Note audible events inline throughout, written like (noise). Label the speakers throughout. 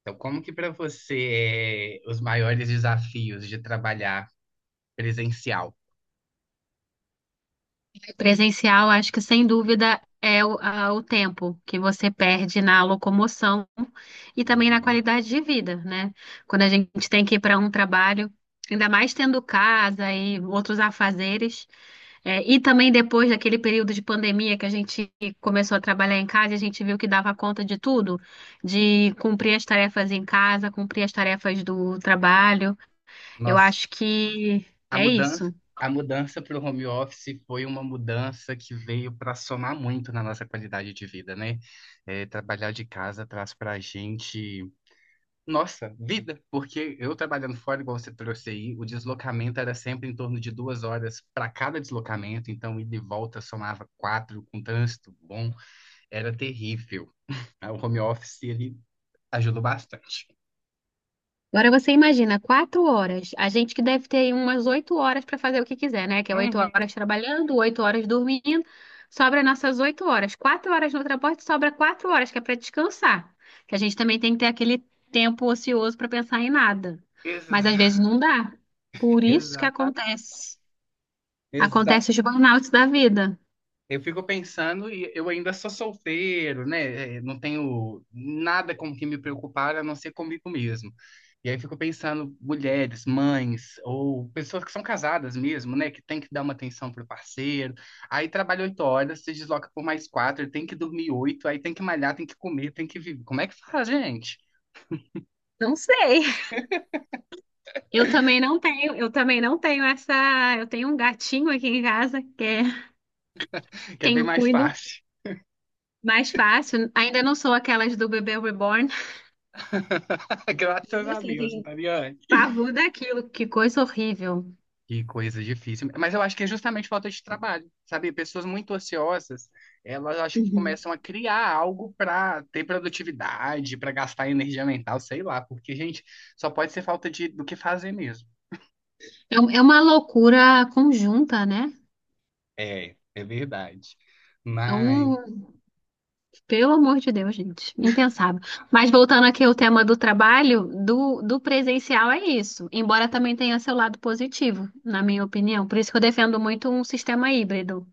Speaker 1: Então, como que para você é os maiores desafios de trabalhar presencial?
Speaker 2: Presencial, acho que sem dúvida é o tempo que você perde na locomoção e também na
Speaker 1: Uhum.
Speaker 2: qualidade de vida, né? Quando a gente tem que ir para um trabalho, ainda mais tendo casa e outros afazeres, e também depois daquele período de pandemia que a gente começou a trabalhar em casa, a gente viu que dava conta de tudo, de cumprir as tarefas em casa, cumprir as tarefas do trabalho. Eu
Speaker 1: Nossa,
Speaker 2: acho que
Speaker 1: a
Speaker 2: é
Speaker 1: mudança,
Speaker 2: isso.
Speaker 1: a mudança para o home office foi uma mudança que veio para somar muito na nossa qualidade de vida, né? É, trabalhar de casa traz para a gente, nossa, vida, porque eu trabalhando fora, igual você trouxe aí, o deslocamento era sempre em torno de 2 horas para cada deslocamento, então ida e volta somava quatro, com trânsito bom, era terrível. O home office, ele ajudou bastante.
Speaker 2: Agora você imagina, 4 horas. A gente que deve ter aí umas 8 horas para fazer o que quiser, né? Que é oito
Speaker 1: Uhum.
Speaker 2: horas trabalhando, 8 horas dormindo. Sobra nossas 8 horas. 4 horas no transporte, sobra 4 horas, que é para descansar. Que a gente também tem que ter aquele tempo ocioso para pensar em nada. Mas às vezes
Speaker 1: Exa-
Speaker 2: não dá. Por isso que
Speaker 1: Exata.
Speaker 2: acontece.
Speaker 1: Exato.
Speaker 2: Acontece os burnouts da vida.
Speaker 1: Eu fico pensando e eu ainda sou solteiro, né? É, não tenho nada com que me preocupar a não ser comigo mesmo. E aí eu fico pensando, mulheres, mães, ou pessoas que são casadas mesmo, né? Que tem que dar uma atenção pro parceiro. Aí trabalha 8 horas, se desloca por mais quatro, tem que dormir oito, aí tem que malhar, tem que comer, tem que viver. Como é que faz, gente?
Speaker 2: Não sei. Eu também não tenho essa. Eu tenho um gatinho aqui em casa que é
Speaker 1: Que é
Speaker 2: quem
Speaker 1: bem
Speaker 2: eu
Speaker 1: mais
Speaker 2: cuido.
Speaker 1: fácil.
Speaker 2: Mais fácil. Ainda não sou aquelas do bebê reborn.
Speaker 1: (laughs) Graças
Speaker 2: Mas
Speaker 1: a
Speaker 2: assim,
Speaker 1: Deus, não
Speaker 2: tem
Speaker 1: tá ligado?
Speaker 2: pavor daquilo. Que coisa horrível.
Speaker 1: Que coisa difícil. Mas eu acho que é justamente falta de trabalho, sabe? Pessoas muito ociosas, elas acho que
Speaker 2: Uhum.
Speaker 1: começam a criar algo para ter produtividade, para gastar energia mental, sei lá, porque, gente, só pode ser falta do que fazer mesmo.
Speaker 2: É, é uma loucura conjunta, né?
Speaker 1: É verdade.
Speaker 2: É
Speaker 1: Mas
Speaker 2: um... Pelo amor de Deus, gente. Impensável. Mas voltando aqui ao tema do trabalho, do presencial é isso. Embora também tenha seu lado positivo, na minha opinião. Por isso que eu defendo muito um sistema híbrido.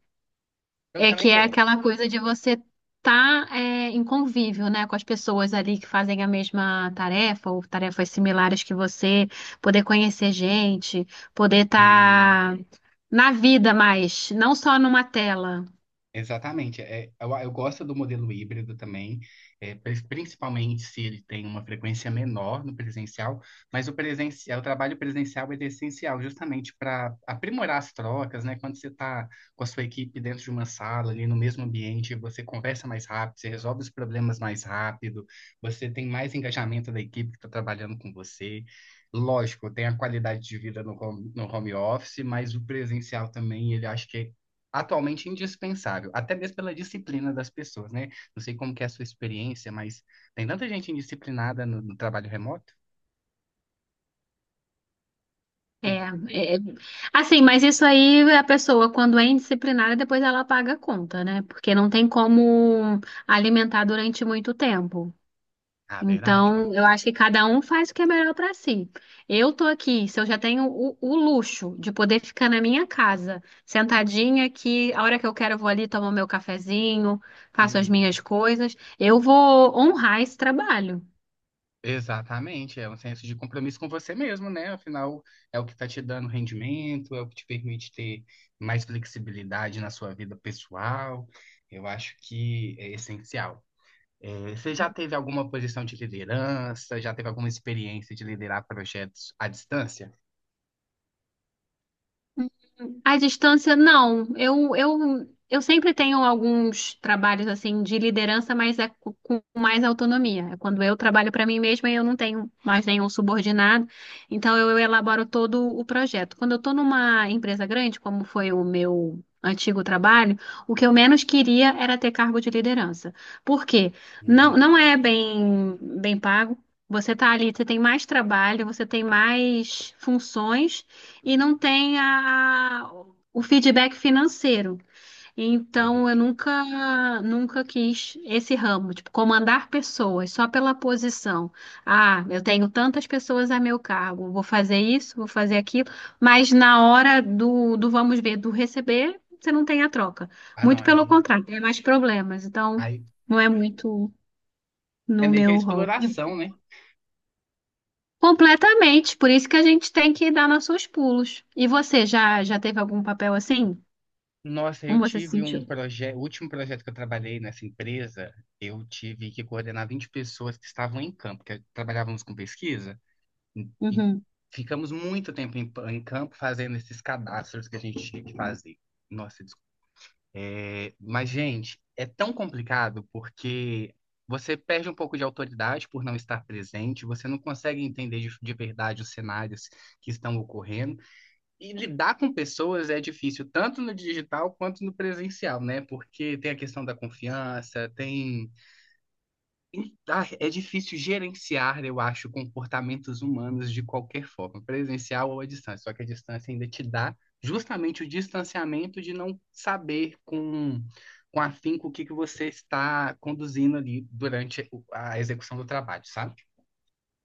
Speaker 1: eu
Speaker 2: É que
Speaker 1: também
Speaker 2: é aquela coisa de você estar em convívio, né, com as pessoas ali que fazem a mesma tarefa ou tarefas similares que você, poder conhecer gente, poder
Speaker 1: gosto.
Speaker 2: estar na vida mais, não só numa tela.
Speaker 1: Exatamente. É, eu gosto do modelo híbrido também, principalmente se ele tem uma frequência menor no presencial, mas o presencial, o trabalho presencial ele é essencial justamente para aprimorar as trocas, né? Quando você está com a sua equipe dentro de uma sala, ali no mesmo ambiente, você conversa mais rápido, você resolve os problemas mais rápido, você tem mais engajamento da equipe que está trabalhando com você. Lógico, tem a qualidade de vida no home office, mas o presencial também, ele acho que é atualmente indispensável, até mesmo pela disciplina das pessoas, né? Não sei como que é a sua experiência, mas tem tanta gente indisciplinada no trabalho remoto.
Speaker 2: É,
Speaker 1: que-
Speaker 2: é, assim, mas isso aí a pessoa, quando é indisciplinada, depois ela paga a conta, né? Porque não tem como alimentar durante muito tempo.
Speaker 1: Ah, verdade, ó.
Speaker 2: Então, eu acho que cada um faz o que é melhor para si. Eu tô aqui, se eu já tenho o luxo de poder ficar na minha casa, sentadinha aqui, a hora que eu quero eu vou ali tomar meu cafezinho, faço as minhas
Speaker 1: Uhum.
Speaker 2: coisas, eu vou honrar esse trabalho.
Speaker 1: Exatamente, é um senso de compromisso com você mesmo, né? Afinal, é o que está te dando rendimento, é o que te permite ter mais flexibilidade na sua vida pessoal. Eu acho que é essencial. É, você já teve alguma posição de liderança? Já teve alguma experiência de liderar projetos à distância?
Speaker 2: À distância, não. Eu sempre tenho alguns trabalhos assim de liderança, mas é com mais autonomia. É quando eu trabalho para mim mesma, eu não tenho mais nenhum subordinado, então eu elaboro todo o projeto. Quando eu estou numa empresa grande, como foi o meu antigo trabalho, o que eu menos queria era ter cargo de liderança. Por quê? Não,
Speaker 1: Uhum.
Speaker 2: não é bem, bem pago. Você está ali, você tem mais trabalho, você tem mais funções e não tem a, o feedback financeiro.
Speaker 1: Isso é
Speaker 2: Então, eu
Speaker 1: horrível.
Speaker 2: nunca, nunca quis esse ramo, tipo, comandar pessoas só pela posição. Ah, eu tenho tantas pessoas a meu cargo, vou fazer isso, vou fazer aquilo, mas na hora do vamos ver, do receber, você não tem a troca.
Speaker 1: Ah, não,
Speaker 2: Muito pelo
Speaker 1: aí,
Speaker 2: contrário, tem mais problemas. Então,
Speaker 1: aí
Speaker 2: não é muito
Speaker 1: é
Speaker 2: no
Speaker 1: meio que a
Speaker 2: meu rol.
Speaker 1: exploração, né?
Speaker 2: Completamente, por isso que a gente tem que dar nossos pulos. E você já teve algum papel assim?
Speaker 1: Nossa,
Speaker 2: Como
Speaker 1: eu
Speaker 2: você se
Speaker 1: tive um
Speaker 2: sentiu?
Speaker 1: projeto, o último projeto que eu trabalhei nessa empresa, eu tive que coordenar 20 pessoas que estavam em campo, que trabalhávamos com pesquisa, e
Speaker 2: Uhum,
Speaker 1: ficamos muito tempo em campo fazendo esses cadastros que a gente tinha que fazer. Nossa, desculpa. É, mas, gente, é tão complicado porque você perde um pouco de autoridade por não estar presente, você não consegue entender de verdade os cenários que estão ocorrendo. E lidar com pessoas é difícil, tanto no digital quanto no presencial, né? Porque tem a questão da confiança, tem. Ah, é difícil gerenciar, eu acho, comportamentos humanos de qualquer forma, presencial ou à distância. Só que a distância ainda te dá justamente o distanciamento de não saber com afinco o que que você está conduzindo ali durante a execução do trabalho, sabe?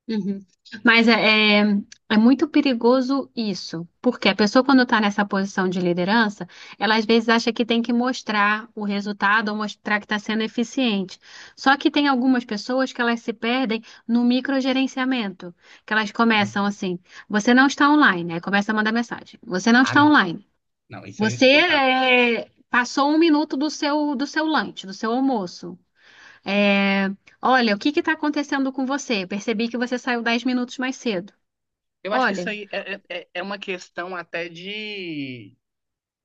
Speaker 2: uhum. Mas é muito perigoso isso, porque a pessoa, quando está nessa posição de liderança, ela às vezes acha que tem que mostrar o resultado ou mostrar que está sendo eficiente. Só que tem algumas pessoas que elas se perdem no microgerenciamento, que elas começam assim: você não está online, aí começa a mandar mensagem: você não
Speaker 1: Ah,
Speaker 2: está
Speaker 1: não.
Speaker 2: online,
Speaker 1: Não, isso aí é
Speaker 2: você
Speaker 1: insuportável.
Speaker 2: passou um minuto do seu lanche, do seu almoço. É, Olha, o que está acontecendo com você? Percebi que você saiu 10 minutos mais cedo.
Speaker 1: Eu acho que isso
Speaker 2: Olha,
Speaker 1: aí é uma questão até de,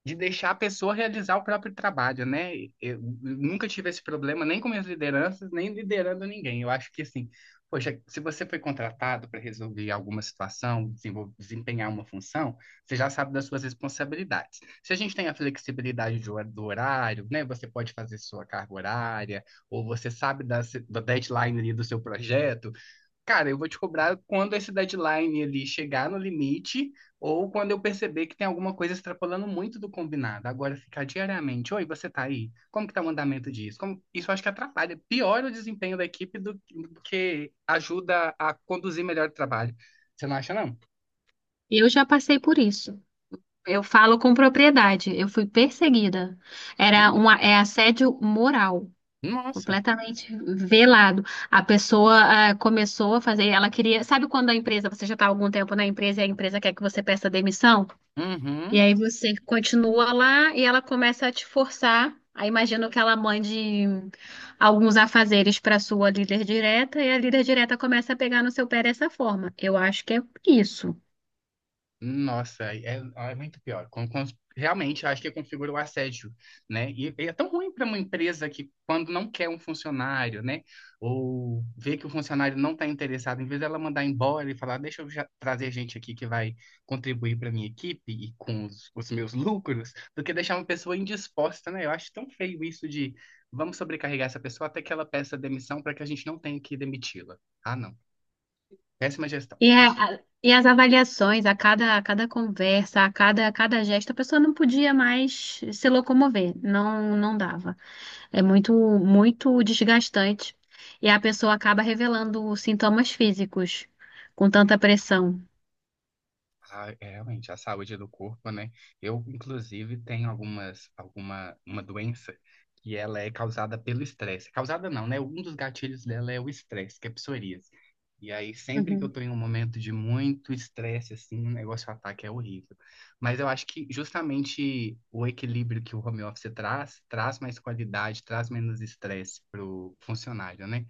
Speaker 1: de deixar a pessoa realizar o próprio trabalho, né? Eu nunca tive esse problema, nem com minhas lideranças, nem liderando ninguém. Eu acho que, assim, poxa, se você foi contratado para resolver alguma situação, desempenhar uma função, você já sabe das suas responsabilidades. Se a gente tem a flexibilidade de do horário, né? Você pode fazer sua carga horária, ou você sabe da, se- da deadline ali do seu projeto. Cara, eu vou te cobrar quando esse deadline ali chegar no limite ou quando eu perceber que tem alguma coisa extrapolando muito do combinado. Agora ficar diariamente, oi, você tá aí? Como que tá o andamento disso? Como... Isso eu acho que atrapalha, piora o desempenho da equipe do que ajuda a conduzir melhor o trabalho. Você não acha, não?
Speaker 2: eu já passei por isso. Eu falo com propriedade. Eu fui perseguida. Era
Speaker 1: Hum.
Speaker 2: é assédio moral,
Speaker 1: Nossa.
Speaker 2: completamente velado. A pessoa começou a fazer, ela queria, sabe quando a empresa, você já está há algum tempo na empresa e a empresa quer que você peça demissão? E
Speaker 1: Uhum.
Speaker 2: aí você continua lá e ela começa a te forçar. Aí imagino que ela mande alguns afazeres para sua líder direta e a líder direta começa a pegar no seu pé dessa forma. Eu acho que é isso.
Speaker 1: Nossa, é muito pior. Realmente, eu acho que configura o assédio, né? E é tão ruim para uma empresa que, quando não quer um funcionário, né? Ou vê que o funcionário não está interessado, em vez dela mandar embora e falar, deixa eu já trazer gente aqui que vai contribuir para minha equipe e com os meus lucros, do que deixar uma pessoa indisposta, né? Eu acho tão feio isso de vamos sobrecarregar essa pessoa até que ela peça demissão para que a gente não tenha que demiti-la. Ah, não. Péssima gestão.
Speaker 2: E as avaliações, a cada conversa, a cada gesto, a pessoa não podia mais se locomover. Não, não dava. É muito, muito desgastante. E a pessoa acaba revelando sintomas físicos com tanta pressão.
Speaker 1: Ah, é, realmente, a saúde do corpo, né? Eu, inclusive, tenho uma doença que ela é causada pelo estresse. Causada não, né? Um dos gatilhos dela é o estresse, que é psoríase. E aí, sempre que eu
Speaker 2: Uhum.
Speaker 1: tô em um momento de muito estresse, assim, o negócio ataca é horrível. Mas eu acho que justamente o equilíbrio que o home office traz, traz mais qualidade, traz menos estresse pro funcionário, né?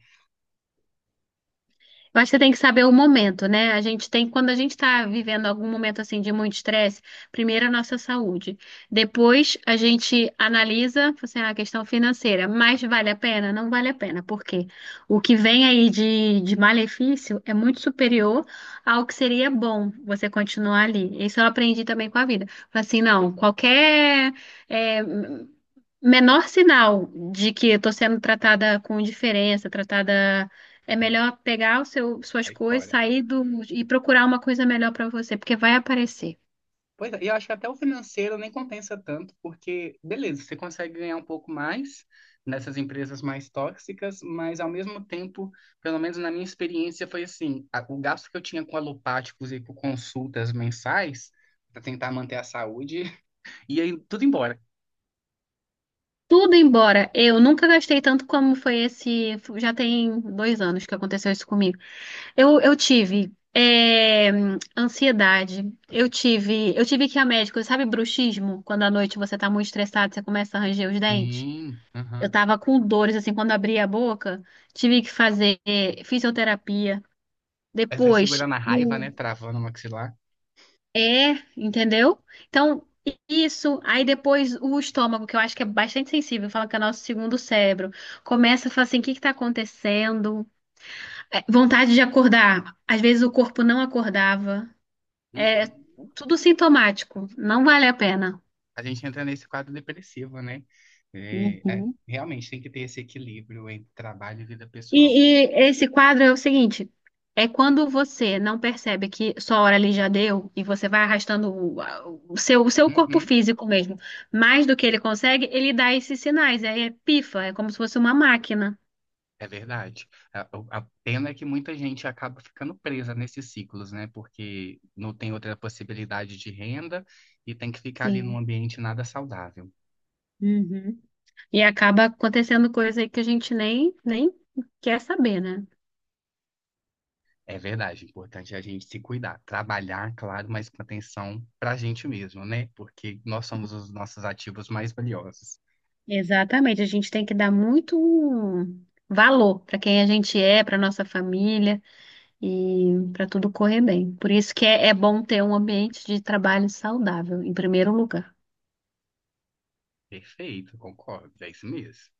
Speaker 2: Eu acho que você tem que saber o momento, né? A gente tem, quando a gente está vivendo algum momento assim de muito estresse, primeiro a nossa saúde. Depois a gente analisa, assim, "Ah, a questão financeira, mas vale a pena? Não vale a pena, porque o que vem aí de malefício é muito superior ao que seria bom você continuar ali. Isso eu aprendi também com a vida. Falei assim, não, qualquer é, menor sinal de que eu estou sendo tratada com indiferença, tratada é melhor pegar o seu, suas
Speaker 1: Aí
Speaker 2: coisas,
Speaker 1: fora.
Speaker 2: sair do, e procurar uma coisa melhor pra você, porque vai aparecer.
Speaker 1: Pois é, e eu acho que até o financeiro nem compensa tanto, porque, beleza, você consegue ganhar um pouco mais nessas empresas mais tóxicas, mas ao mesmo tempo, pelo menos na minha experiência, foi assim: o gasto que eu tinha com alopáticos e com consultas mensais, para tentar manter a saúde, (laughs) ia tudo embora.
Speaker 2: Tudo embora, eu nunca gastei tanto como foi esse. Já tem 2 anos que aconteceu isso comigo. Eu tive ansiedade, eu tive que ir a médico, sabe, bruxismo? Quando à noite você tá muito estressado, você começa a ranger os dentes.
Speaker 1: Sim,
Speaker 2: Eu
Speaker 1: aham.
Speaker 2: tava com dores, assim, quando abria a boca, tive que fazer fisioterapia.
Speaker 1: Aí sai
Speaker 2: Depois,
Speaker 1: segurando a raiva, né? Travando o maxilar.
Speaker 2: é, entendeu? Então, isso, aí depois o estômago, que eu acho que é bastante sensível, fala que é o nosso segundo cérebro, começa a falar assim, o que que tá acontecendo? Vontade de acordar, às vezes o corpo não acordava, é
Speaker 1: Uhum.
Speaker 2: tudo sintomático, não vale a pena.
Speaker 1: A gente entra nesse quadro depressivo, né?
Speaker 2: Uhum.
Speaker 1: Realmente tem que ter esse equilíbrio entre trabalho e vida pessoal, pô.
Speaker 2: E esse quadro é o seguinte: é quando você não percebe que sua hora ali já deu e você vai arrastando o seu corpo
Speaker 1: Uhum.
Speaker 2: físico mesmo mais do que ele consegue, ele dá esses sinais. Aí é pifa, é como se fosse uma máquina.
Speaker 1: É verdade. A pena é que muita gente acaba ficando presa nesses ciclos, né? Porque não tem outra possibilidade de renda e tem que ficar ali num
Speaker 2: Sim.
Speaker 1: ambiente nada saudável.
Speaker 2: Uhum. E acaba acontecendo coisa aí que a gente nem quer saber, né?
Speaker 1: É verdade, é importante é a gente se cuidar, trabalhar, claro, mas com atenção para a gente mesmo, né? Porque nós somos os nossos ativos mais valiosos.
Speaker 2: Exatamente, a gente tem que dar muito valor para quem a gente é, para nossa família e para tudo correr bem. Por isso que é bom ter um ambiente de trabalho saudável, em primeiro lugar.
Speaker 1: Perfeito, concordo, é isso mesmo.